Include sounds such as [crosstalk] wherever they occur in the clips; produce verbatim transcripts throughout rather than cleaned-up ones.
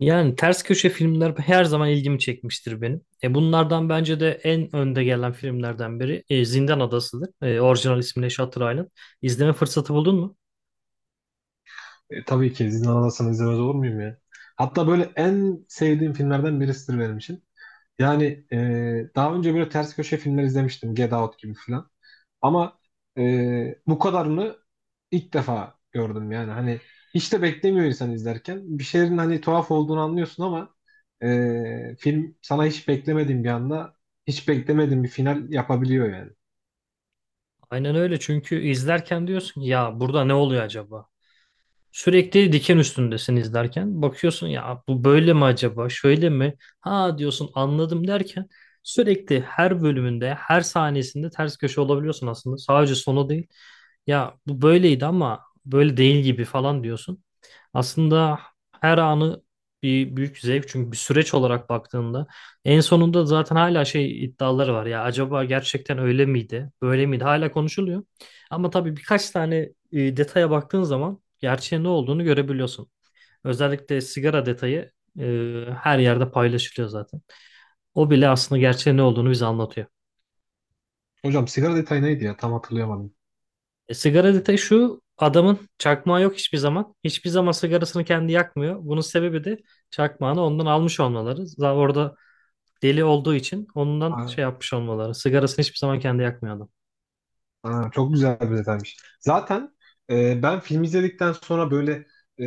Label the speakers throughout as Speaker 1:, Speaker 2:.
Speaker 1: Yani ters köşe filmler her zaman ilgimi çekmiştir benim. E bunlardan bence de en önde gelen filmlerden biri e, Zindan Adası'dır. E, orijinal ismiyle Shutter Island. İzleme fırsatı buldun mu?
Speaker 2: E, tabii ki izin alamazsam izlemez olur muyum ya? Hatta böyle en sevdiğim filmlerden birisidir benim için. Yani e, Daha önce böyle ters köşe filmler izlemiştim. Get Out gibi falan. Ama e, Bu kadarını ilk defa gördüm yani. Hani hiç de beklemiyor insan izlerken. Bir şeylerin hani tuhaf olduğunu anlıyorsun ama e, film sana hiç beklemediğin bir anda hiç beklemediğin bir final yapabiliyor yani.
Speaker 1: Aynen öyle, çünkü izlerken diyorsun ya, burada ne oluyor acaba? Sürekli diken üstündesin izlerken. Bakıyorsun ya, bu böyle mi acaba? Şöyle mi? Ha diyorsun anladım derken sürekli her bölümünde, her sahnesinde ters köşe olabiliyorsun aslında. Sadece sonu değil. Ya bu böyleydi ama böyle değil gibi falan diyorsun. Aslında her anı bir büyük zevk, çünkü bir süreç olarak baktığında en sonunda zaten hala şey iddiaları var ya, acaba gerçekten öyle miydi böyle miydi, hala konuşuluyor ama tabii birkaç tane e, detaya baktığın zaman gerçeğin ne olduğunu görebiliyorsun. Özellikle sigara detayı e, her yerde paylaşılıyor zaten. O bile aslında gerçeğin ne olduğunu bize anlatıyor.
Speaker 2: Hocam sigara detayı neydi ya? Tam hatırlayamadım.
Speaker 1: E, sigara detayı şu: adamın çakmağı yok hiçbir zaman. Hiçbir zaman sigarasını kendi yakmıyor. Bunun sebebi de çakmağını ondan almış olmaları. Zaten orada deli olduğu için ondan şey yapmış olmaları. Sigarasını hiçbir zaman kendi yakmıyor adam.
Speaker 2: Aa, çok güzel bir detaymış. Zaten e, ben film izledikten sonra böyle e,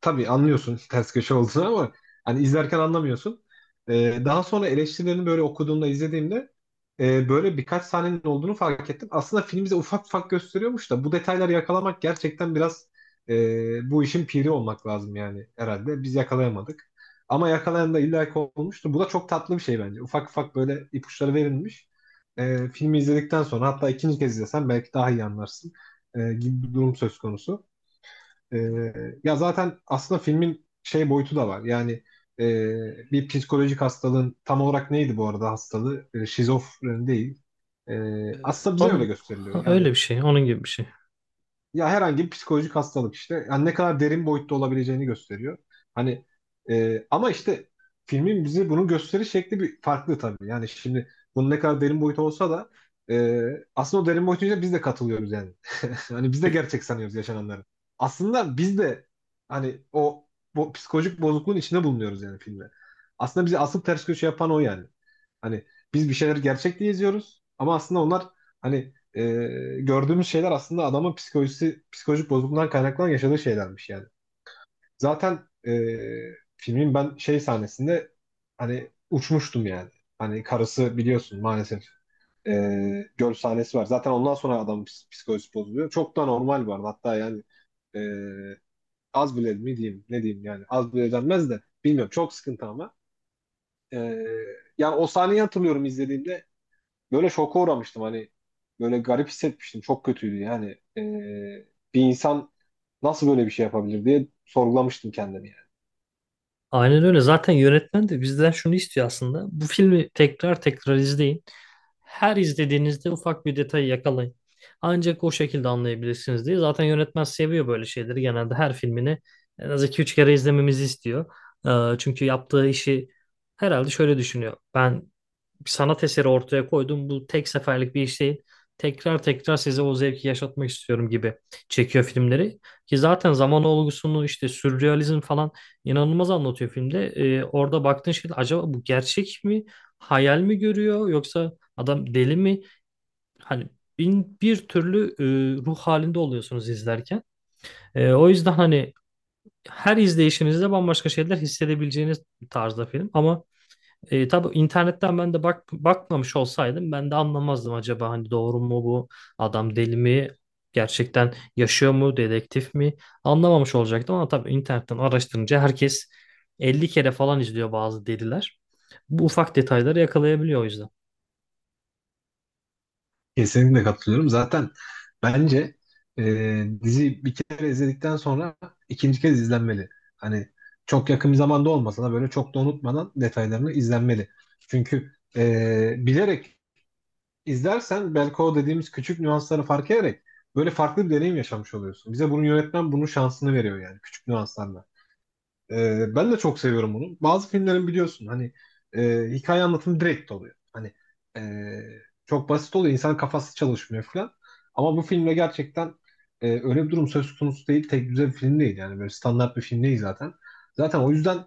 Speaker 2: tabii anlıyorsun [laughs] ters köşe olduğunu ama hani izlerken anlamıyorsun. E, daha sonra eleştirilerini böyle okuduğumda izlediğimde e, böyle birkaç sahnenin olduğunu fark ettim. Aslında film bize ufak ufak gösteriyormuş da bu detayları yakalamak gerçekten biraz e, bu işin piri olmak lazım yani herhalde. Biz yakalayamadık. Ama yakalayan da illaki olmuştu. Bu da çok tatlı bir şey bence. Ufak ufak böyle ipuçları verilmiş e, filmi izledikten sonra hatta ikinci kez izlesen belki daha iyi anlarsın e, gibi bir durum söz konusu. E, ya zaten aslında filmin şey boyutu da var. Yani e, bir psikolojik hastalığın tam olarak neydi bu arada hastalığı? E, şizofreni değil. E, aslında bize öyle
Speaker 1: Onun,
Speaker 2: gösteriliyor.
Speaker 1: öyle
Speaker 2: Yani
Speaker 1: bir şey. Onun gibi bir şey.
Speaker 2: ya herhangi bir psikolojik hastalık işte. Yani ne kadar derin boyutta olabileceğini gösteriyor. Hani e, ama işte filmin bize bunu gösteriş şekli bir farklı tabii. Yani şimdi bunun ne kadar derin boyutu olsa da e, aslında o derin boyutuyla biz de katılıyoruz yani. [laughs] Hani biz de gerçek sanıyoruz yaşananları. Aslında biz de hani o bu psikolojik bozukluğun içinde bulunuyoruz yani filmde. Aslında bizi asıl ters köşe yapan o yani. Hani biz bir şeyleri gerçek diye izliyoruz ama aslında onlar hani e, gördüğümüz şeyler aslında adamın psikolojisi, psikolojik bozukluğundan kaynaklanan yaşadığı şeylermiş yani. Zaten e, Filmin ben şey sahnesinde hani uçmuştum yani. Hani karısı biliyorsun maalesef e, göl sahnesi var. Zaten ondan sonra adamın ps- psikolojisi bozuluyor. Çok da normal var. Hatta yani e, az bile mi diyeyim ne diyeyim yani az bile denmez de bilmiyorum çok sıkıntı ama. E, yani o sahneyi hatırlıyorum izlediğimde böyle şoka uğramıştım hani böyle garip hissetmiştim çok kötüydü yani. Ee, bir insan nasıl böyle bir şey yapabilir diye sorgulamıştım kendimi yani.
Speaker 1: Aynen öyle. Zaten yönetmen de bizden şunu istiyor aslında: bu filmi tekrar tekrar izleyin. Her izlediğinizde ufak bir detayı yakalayın. Ancak o şekilde anlayabilirsiniz diye. Zaten yönetmen seviyor böyle şeyleri. Genelde her filmini en az iki üç kere izlememizi istiyor. Ee, çünkü yaptığı işi herhalde şöyle düşünüyor: ben bir sanat eseri ortaya koydum. Bu tek seferlik bir iş değil. Tekrar tekrar size o zevki yaşatmak istiyorum gibi çekiyor filmleri. Ki zaten zaman olgusunu, işte sürrealizm falan, inanılmaz anlatıyor filmde. Ee, orada baktığın şey, acaba bu gerçek mi? Hayal mi görüyor, yoksa adam deli mi? Hani bin bir türlü e, ruh halinde oluyorsunuz izlerken. E, o yüzden hani her izleyişinizde bambaşka şeyler hissedebileceğiniz bir tarzda film. Ama e, tabii internetten ben de bak, bakmamış olsaydım ben de anlamazdım, acaba hani doğru mu bu, adam deli mi, gerçekten yaşıyor mu, dedektif mi, anlamamış olacaktım ama tabii internetten araştırınca herkes elli kere falan izliyor bazı deliler. Bu ufak detayları yakalayabiliyor o yüzden.
Speaker 2: Kesinlikle katılıyorum. Zaten bence e, dizi bir kere izledikten sonra ikinci kez izlenmeli. Hani çok yakın bir zamanda olmasa da böyle çok da unutmadan detaylarını izlenmeli. Çünkü e, bilerek izlersen belki o dediğimiz küçük nüansları fark ederek böyle farklı bir deneyim yaşamış oluyorsun. Bize bunu yönetmen bunun şansını veriyor yani küçük nüanslarla. Ee, ben de çok seviyorum bunu. Bazı filmlerin biliyorsun hani e, hikaye anlatımı direkt oluyor. Hani e, çok basit oluyor. İnsan kafası çalışmıyor falan. Ama bu filmle gerçekten e, öyle bir durum söz konusu değil. Tek düze bir film değil. Yani böyle standart bir film değil zaten. Zaten o yüzden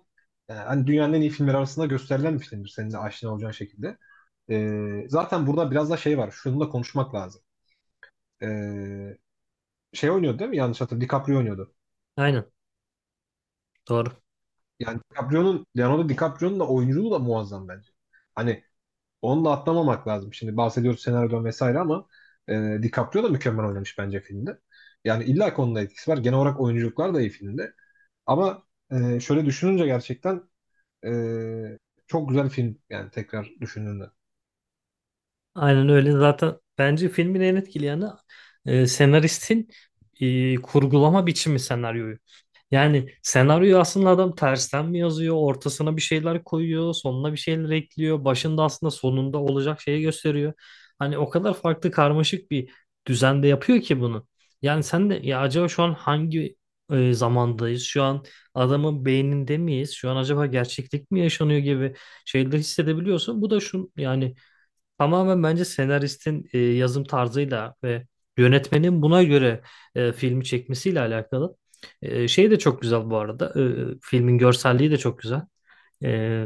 Speaker 2: e, hani dünyanın en iyi filmleri arasında gösterilen bir filmdir. Senin de aşina olacağın şekilde. E, zaten burada biraz da şey var. Şunu da konuşmak lazım. E, şey oynuyordu değil mi? Yanlış hatırlamıyorum. DiCaprio oynuyordu.
Speaker 1: Aynen doğru.
Speaker 2: Yani DiCaprio'nun, Leonardo DiCaprio'nun da oyunculuğu da muazzam bence. Hani onu da atlamamak lazım. Şimdi bahsediyoruz senaryodan vesaire ama e, DiCaprio da mükemmel oynamış bence filmde. Yani illa ki onun da etkisi var. Genel olarak oyunculuklar da iyi filmde. Ama e, şöyle düşününce gerçekten e, çok güzel film yani tekrar düşündüğünde.
Speaker 1: Aynen öyle. Zaten bence filmin en etkili yanı e, senaristin e, kurgulama biçimi senaryoyu. Yani senaryoyu aslında adam tersten mi yazıyor, ortasına bir şeyler koyuyor, sonuna bir şeyler ekliyor, başında aslında sonunda olacak şeyi gösteriyor. Hani o kadar farklı, karmaşık bir düzende yapıyor ki bunu. Yani sen de ya acaba şu an hangi e, zamandayız? Şu an adamın beyninde miyiz? Şu an acaba gerçeklik mi yaşanıyor gibi şeyleri hissedebiliyorsun. Bu da şu yani, tamamen bence senaristin e, yazım tarzıyla ve yönetmenin buna göre e, filmi çekmesiyle alakalı. E, şey de çok güzel bu arada. E, filmin görselliği de çok güzel. E,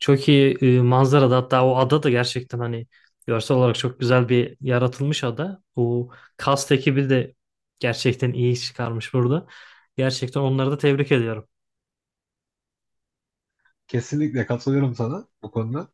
Speaker 1: Çok iyi e, manzarada, hatta o ada da gerçekten hani görsel olarak çok güzel bir yaratılmış ada. Bu cast ekibi de gerçekten iyi iş çıkarmış burada. Gerçekten onları da tebrik ediyorum.
Speaker 2: Kesinlikle katılıyorum sana bu konuda.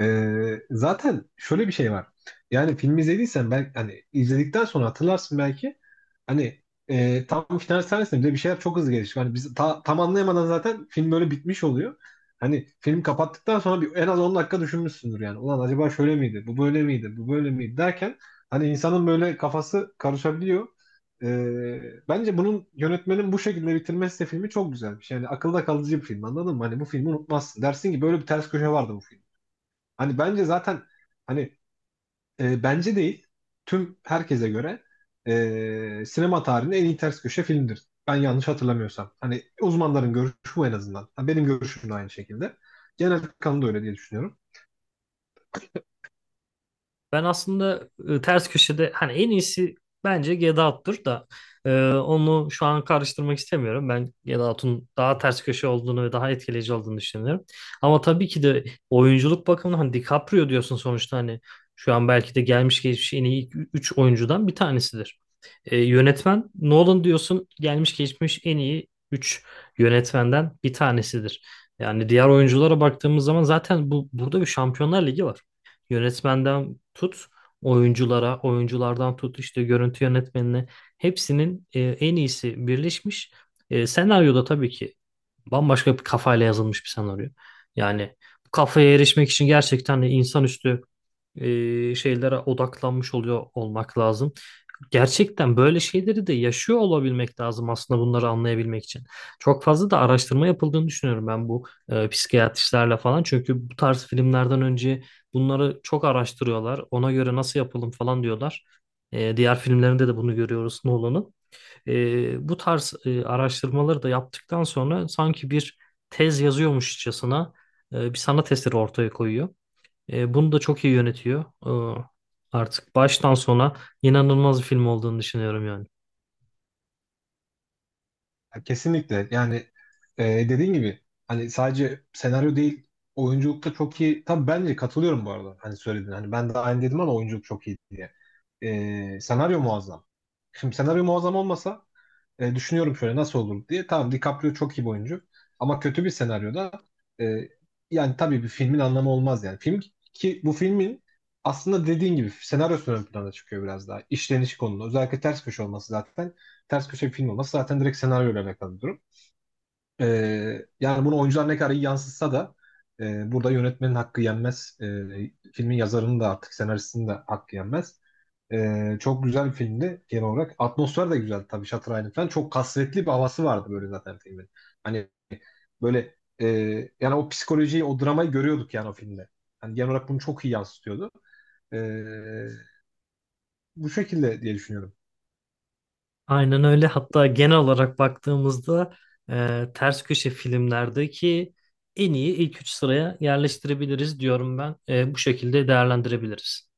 Speaker 2: Ee, zaten şöyle bir şey var. Yani film izlediysen belki hani izledikten sonra hatırlarsın belki. Hani e, tam final sahnesinde bile bir şeyler çok hızlı gelişiyor. Hani biz ta- tam anlayamadan zaten film böyle bitmiş oluyor. Hani film kapattıktan sonra bir, en az on dakika düşünmüşsündür yani. Ulan acaba şöyle miydi? Bu böyle miydi? Bu böyle miydi? Derken hani insanın böyle kafası karışabiliyor. Ee, bence bunun yönetmenin bu şekilde bitirmesi de filmi çok güzelmiş. Yani akılda kalıcı bir film anladın mı? Hani bu filmi unutmazsın. Dersin ki böyle bir ters köşe vardı bu film. Hani bence zaten hani e, bence değil tüm herkese göre e, sinema tarihinin en iyi ters köşe filmdir. Ben yanlış hatırlamıyorsam. Hani uzmanların görüşü bu en azından. Ha, benim görüşüm de aynı şekilde. Genel kanı da öyle diye düşünüyorum.
Speaker 1: Ben aslında e, ters köşede hani en iyisi bence Get Out'tur da e, onu şu an karıştırmak istemiyorum. Ben Get Out'un daha ters köşe olduğunu ve daha etkileyici olduğunu düşünüyorum. Ama tabii ki de oyunculuk bakımından hani DiCaprio diyorsun sonuçta, hani şu an belki de gelmiş geçmiş en iyi üç oyuncudan bir tanesidir. E, yönetmen Nolan diyorsun, gelmiş geçmiş en iyi üç yönetmenden bir tanesidir. Yani diğer oyunculara baktığımız zaman zaten bu burada bir Şampiyonlar Ligi var. Yönetmenden tut oyunculara, oyunculardan tut işte görüntü yönetmenine, hepsinin e, en iyisi birleşmiş. E, senaryoda tabii ki bambaşka bir kafayla yazılmış bir senaryo. Yani bu kafaya erişmek için gerçekten de insanüstü e, şeylere odaklanmış oluyor olmak lazım. Gerçekten böyle şeyleri de yaşıyor olabilmek lazım aslında bunları anlayabilmek için. Çok fazla da araştırma yapıldığını düşünüyorum ben, bu e, psikiyatristlerle falan. Çünkü bu tarz filmlerden önce bunları çok araştırıyorlar. Ona göre nasıl yapalım falan diyorlar. E, diğer filmlerinde de bunu görüyoruz Nolan'ın. E, bu tarz e, araştırmaları da yaptıktan sonra sanki bir tez yazıyormuşçasına e, bir sanat eseri ortaya koyuyor. E, bunu da çok iyi yönetiyor. Ee, artık baştan sona inanılmaz bir film olduğunu düşünüyorum yani.
Speaker 2: Kesinlikle. Yani e, dediğin gibi hani sadece senaryo değil oyunculukta çok iyi. Tabii bence katılıyorum bu arada. Hani söyledin. Hani ben de aynı dedim ama oyunculuk çok iyi diye. E, senaryo muazzam. Şimdi senaryo muazzam olmasa e, düşünüyorum şöyle nasıl olur diye. Tamam DiCaprio çok iyi bir oyuncu. Ama kötü bir senaryoda e, yani tabii bir filmin anlamı olmaz yani. Film ki bu filmin aslında dediğin gibi senaryosu ön plana çıkıyor biraz daha. İşleniş konulu. Özellikle ters köşe olması zaten. Ters köşe bir film olması zaten direkt senaryoyla alakalı bir durum. E, yani bunu oyuncular ne kadar iyi yansıtsa da e, burada yönetmenin hakkı yenmez. E, filmin yazarının da artık senaristinin de hakkı yenmez. Ee, çok güzel bir filmdi genel olarak. Atmosfer de güzel tabii Shutter Island falan. Çok kasvetli bir havası vardı böyle zaten filmin. Hani böyle e, yani o psikolojiyi, o dramayı görüyorduk yani o filmde. Hani genel olarak bunu çok iyi yansıtıyordu. Ee, Bu şekilde diye düşünüyorum.
Speaker 1: Aynen öyle. Hatta genel olarak baktığımızda e, ters köşe filmlerdeki en iyi ilk üç sıraya yerleştirebiliriz diyorum ben. E, bu şekilde değerlendirebiliriz.